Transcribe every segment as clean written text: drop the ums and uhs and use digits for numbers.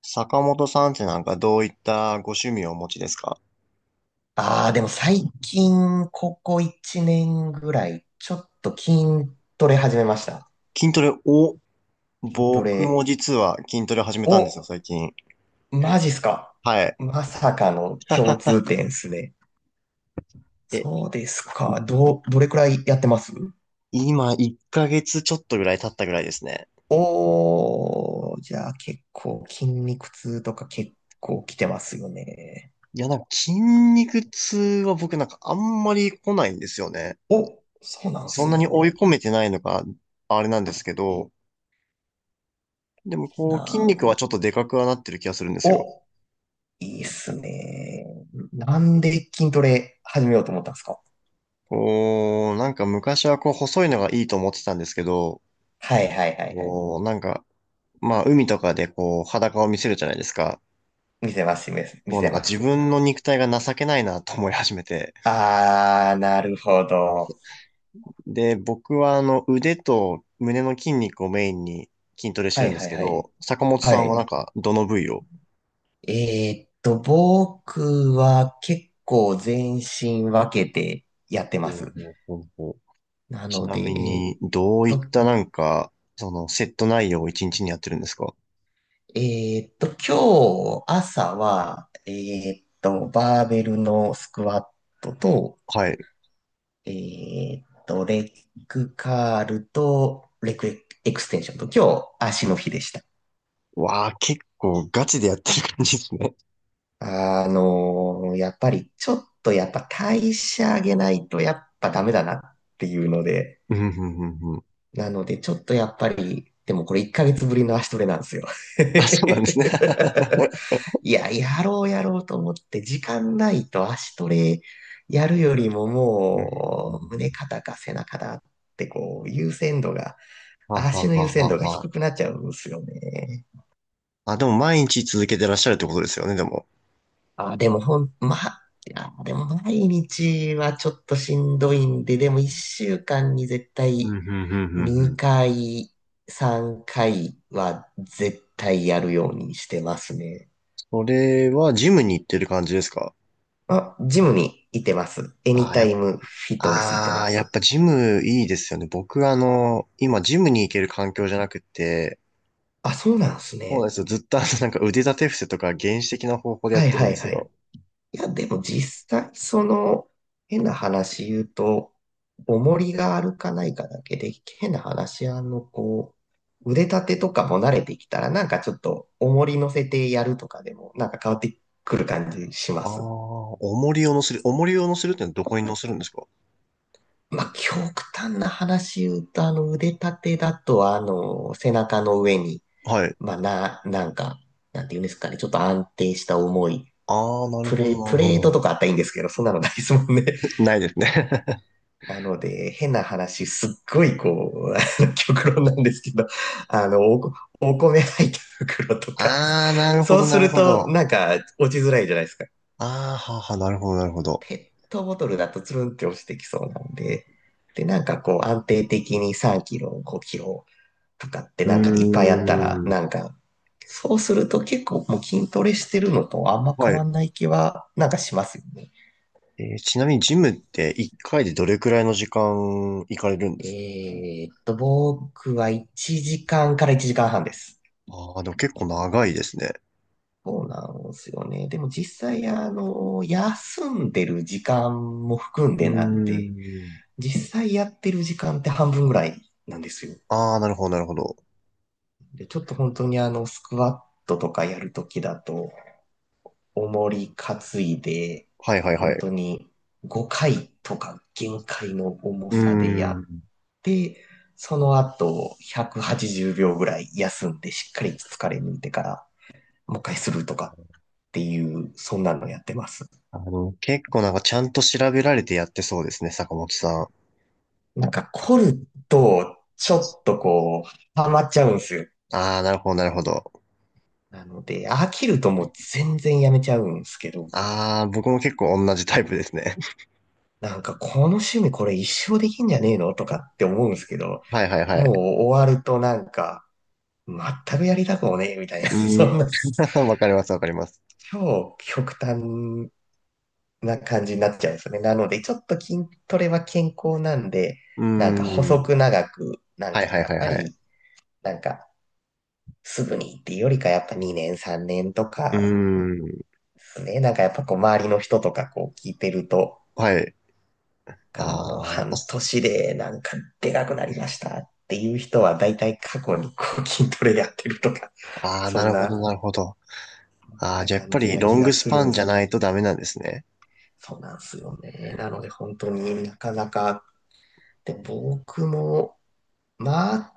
坂本さんってなんかどういったご趣味をお持ちですか？ああ、でも最近、ここ1年ぐらい、ちょっと筋トレ始めました。筋トレを、筋ト僕もレ。実は筋トレを始めたんですよ、お、最近。マジっすか。はい。まさかの共 通点っすね。え、そうですか。どれくらいやってます？今1ヶ月ちょっとぐらい経ったぐらいですね。おー、じゃあ結構筋肉痛とか結構来てますよね。いや、なんか筋肉痛は僕なんかあんまり来ないんですよね。お、そうなんそんすなに追いね。込めてないのがあれなんですけど、でもこなう筋肉ん、はちょっとでかくはなってる気がするんですよ。お、いいっすね。なんで筋トレ始めようと思ったんですか？こう、なんか昔はこう細いのがいいと思ってたんですけど、はいはいはいはい。こう、なんかまあ、海とかでこう、裸を見せるじゃないですか。見せます、見せ見もうなせんかま自す。分の肉体が情けないなと思い始めて。あー、なるほど。で、僕はあの、腕と胸の筋肉をメインに筋トレしてはるんいではすいけはい。ど、坂本はさんはない。んか、どの部位を？僕は結構全身分けてやってまほす。うほうほうほう。なちのなで、みに、どういと、ったなんか、その、セット内容を一日にやってるんですか？えーっと、今日朝は、バーベルのスクワットと、はい。レッグカールと、レッグエクステンションと、今日足の日でした。わあ、結構ガチでやってる感じですね。あの、やっぱりちょっとやっぱ代謝上げないとやっぱダメだなっていうので、うん、うん、うん、うん。なのでちょっとやっぱり、でもこれ1ヶ月ぶりの足トレなんですよ。あ、そうなんです ね。いや、やろうやろうと思って時間ないと足トレやるよりもうもう胸ん肩か背中だってこう優先度が、は足はの優は先は。度がは低くなっちゃうんですよね。あ、でも毎日続けてらっしゃるってことですよね、でも。あ、でもまあ、いやでも毎日はちょっとしんどいんで、でも一週間に絶うん、対うん、うん、うんうん。2回、3回は絶対やるようにしてますね。それはジムに行ってる感じですか？あ、ジムに行ってます。エニあーやタっ、イムフィットネス行ってあまーやっす。ぱジムいいですよね。僕あの、今ジムに行ける環境じゃなくて、あ、そうなんですそうなんね。ですよ。ずっとあの、なんか腕立て伏せとか原始的な方法でやっはいてるんはでいすはよ。い。いや、でも実際、その、変な話言うと、重りがあるかないかだけで、変な話、あの、こう、腕立てとかも慣れてきたら、なんかちょっと、重り乗せてやるとかでも、なんか変わってくる感じしまああ、す。重りを乗せるってのはどこに乗せるんですか？まあ、極端な話言うと、あの、腕立てだと、あの、背中の上に、はい。まあ、なんか、なんて言うんですかね、ちょっと安定した重い、ああ、なるほど、なプるほレートとど。かあったらいいんですけど、そんなのないですもんね。ないですね。なので、変な話、すっごいこう、あの極論なんですけど、あの、お米入った袋と か、ああ、なるほそうど、なするるほど。と、あなんか、落ちづらいじゃないですか。あ、ははなるほど、なるほど。ペットボトルだとつるんって落ちてきそうなんで、で、なんかこう、安定的に3キロ、5キロとかってうなんかいっぱいあったら、ーん。なんか、そうすると結構もう筋トレしてるのとあんまは変わい。んない気は、なんかしますよね。ちなみにジムって1回でどれくらいの時間行かれるんです？僕は1時間かんから1時間半です。ああー、でも結構長いですね。そうなんですよね。でも実際、あの、休んでる時間も含んうーでなんで、ん。実際やってる時間って半分ぐらいなんですよ。ああ、なるほど、なるほど。で、ちょっと本当にあの、スクワットとかやるときだと、重り担いで、はいはいは本い。当に5回とか限界の重うーさでやっん。て、その後180秒ぐらい休んでしっかり疲れ抜いてからもう一回するとかっていう、そんなのやってます。あの、結構なんかちゃんと調べられてやってそうですね、坂本さん。なんか凝ると、ちょっとこう、ハマっちゃうんですよ。ああ、なるほど、なるほど。なので、飽きるともう全然やめちゃうんですけど、ああ、僕も結構同じタイプですね。なんかこの趣味これ一生できんじゃねえのとかって思うんですけど、はいはいはもい。う終わるとなんか、全くやりたくもねえみたいな、うーそんん。な、わかります、わかります。超極端な感じになっちゃうんですよね。なので、ちょっと筋トレは健康なんで、うーなんか細ん。く長く、なんはいかはいやっはいぱはい。り、なんかすぐにっていうよりかやっぱ2年3年とうーかん。すね。なんかやっぱこう周りの人とかこう聞いてると、はい。かもうああ、やっぱ、半年でなんかでかくなりましたっていう人は大体過去にこう筋トレやってるとか、あ あ、そなんるほな、ど、なるほど。ああ、なじゃあやっ感ぱじりなロ気ンがグスすパるんンでじゃす。ないとダメなんですね。そうなんですよね。なので本当になかなか、で、僕も、まあ、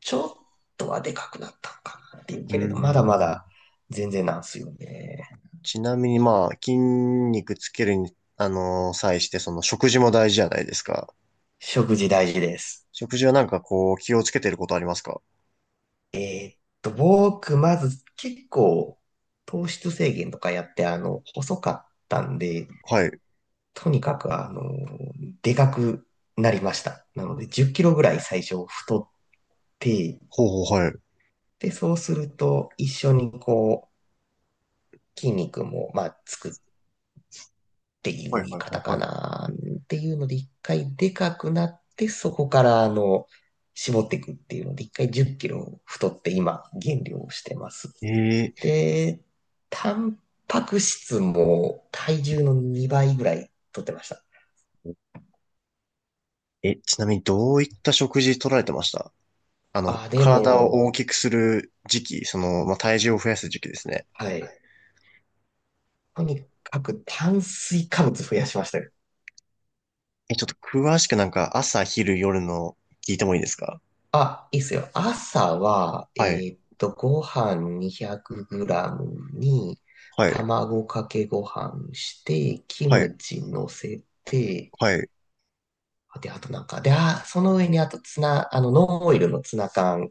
ちょっとはでかくなったのかなっていううけれど、まだまん。だ全然なんですよね。ちなみにまあ、筋肉つけるに、際して、その食事も大事じゃないですか。食事大事です。食事はなんかこう、気をつけてることありますか？え僕、まず結構糖質制限とかやって、あの、細かったんで、はい。とにかく、あの、でかくなりました。なので、10キロぐらい最初太って、ほうほう、はい。で、そうすると、一緒にこう、筋肉も、まあ、つくっていはうい言いはいは方いかはな、っていうので、一回でかくなって、そこから、あの、絞っていくっていうので、一回10キロ太って、今、減量してます。い。で、タンパク質も体重の2倍ぐらい取ってました。ー、ちなみにどういった食事取られてました？あの、あ、で体をも、大きくする時期、その、まあ、体重を増やす時期ですね。はい。とにかく炭水化物増やしましたよ。ちょっと詳しくなんか朝、昼、夜の聞いてもいいですか？あ、いいっすよ。朝は、はい。ご飯 200g に、はい。卵かけご飯して、キはい。ムチ乗せて、はい。で、あとなんか、で、あ、その上にあとツナ、あの、ノンオイルのツナ缶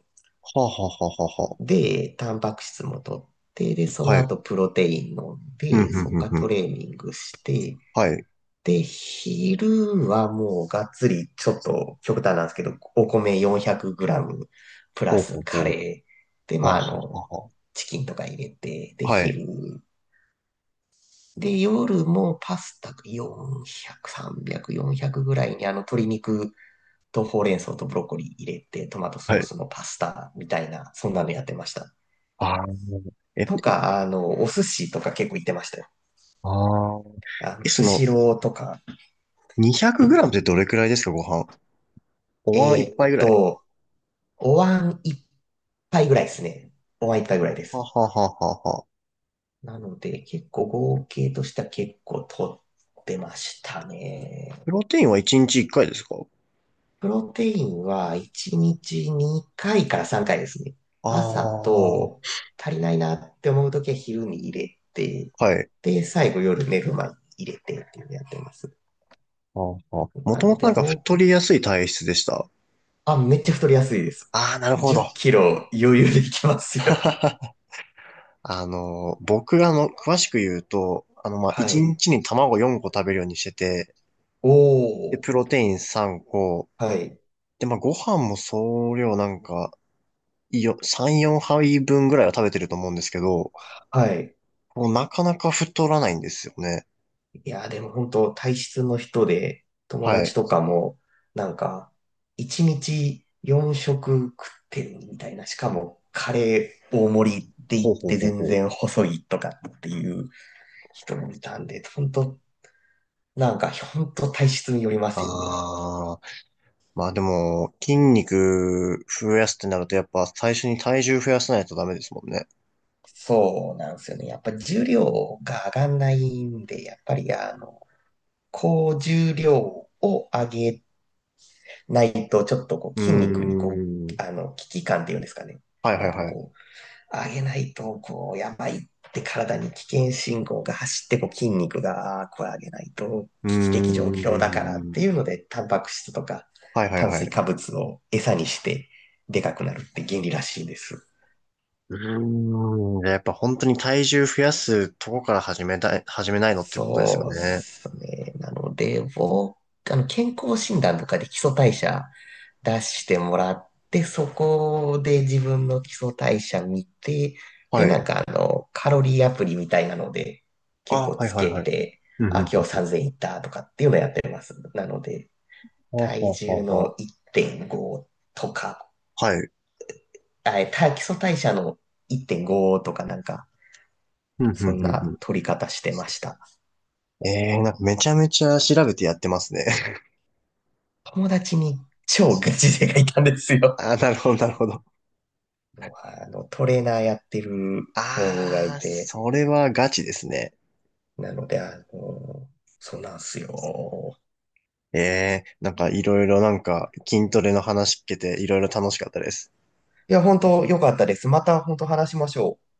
はあ、はあ、はあ、はで、タンパク質も取って、で、そあ、はのあ。はい。後プロテイン飲んふんで、ふんそっふんからふトん。レーニングして、はい。で、昼はもうがっつり、ちょっと極端なんですけど、お米 400g プラほうほスうカほう。レー。で、はまあ、あ、あはあ、の、はチキンとか入れて、で、あ。はあはい。昼。で、夜もパスタ400、300、400ぐらいにあの鶏肉とほうれん草とブロッコリー入れて、トマトはソーい。スのパスタみたいな、そんなのやってました。ああ、え、といか、あの、お寿司とか結構行ってましたよ。ああー。えああの、えそスの、シローとか。200グラムってどれくらいですか、ご飯。おえ椀ー一っ杯ぐらい。と、お椀一杯ぐらいですね。お椀一杯ぐらいはであ、す。はあ、はあ、はあ。はあ。なので、結構合計としては結構取ってましたね。プロテインは1日1回ですか？プロテインは1日2回かいから3回ですね。ああ、朝はと足りないなって思うときは昼に入れて、い。で、最後夜寝る前に入れてっていうのやってます。ああ、もなとものとで、なウんかォー太りやすい体質でした？あ、めっちゃ太りやすいです。ああ、なるほ10ど。キロ余裕でいけますよ。あの、僕があの、詳しく言うと、あの、まあ、は1い。日にちに卵4個食べるようにしてて、おで、プロー。テイン3個。はい。で、まあ、ご飯も総量なんか、3、4杯分ぐらいは食べてると思うんですけど、はい。もうなかなか太らないんですよね。いやでも本当体質の人で、友はい。達とかも、なんか、1日4食食ってるみたいな。しかも、カレー大盛りって言ほっうほうてほう全ほう。然細いとかっていう人もいたんで、本当なんか、本当体質によりますよね。ああ、まあでも、筋肉増やすってなると、やっぱ最初に体重増やさないとダメですもんね。そうなんですよね。やっぱ重量が上がんないんで、やっぱりあの、高重量を上げないと、ちょっとこううー筋肉にこん。う、あの、危機感っていうんですかね。はいはいなんかはい。こう、上げないと、こう、やばいって体に危険信号が走って、こう筋肉が、ああ、これ上げないとうー危機的状況だからってん。いうので、タンパク質とかはいはい炭は水い。化物を餌にしてでかくなるって原理らしいです。うーん。やっぱ本当に体重増やすとこから始めたい、始めないのってことですよそうでね。すね。なので、僕、あの、健康診断とかで基礎代謝出してもらって、そこで自分の基礎代謝見て、で、はない。んかあの、カロリーアプリみたいなので、結ああ、構はいつはいけはい。て、うん、うあ、ん、う今ん日うん。3000いったとかっていうのやってます。なので、はあ、体はあ、重はあ、はの1.5とか、あ。はい。あ、えた基礎代謝の1.5とかなんか、うん、うん、そんうん、うなん。取り方してました。ええー、なんかめちゃめちゃ調べてやってますね。友達に超ガ チ勢がいたんですよ。ああ、なるほど、なるほど。もうあの、トレーナーやってる子があいあ、て、それはガチですね。なので、あの、そうなんすよ。ええー、なんかいろいろなんか筋トレの話聞けていろいろ楽しかったです。いや、本当良かったです。また本当話しましょう。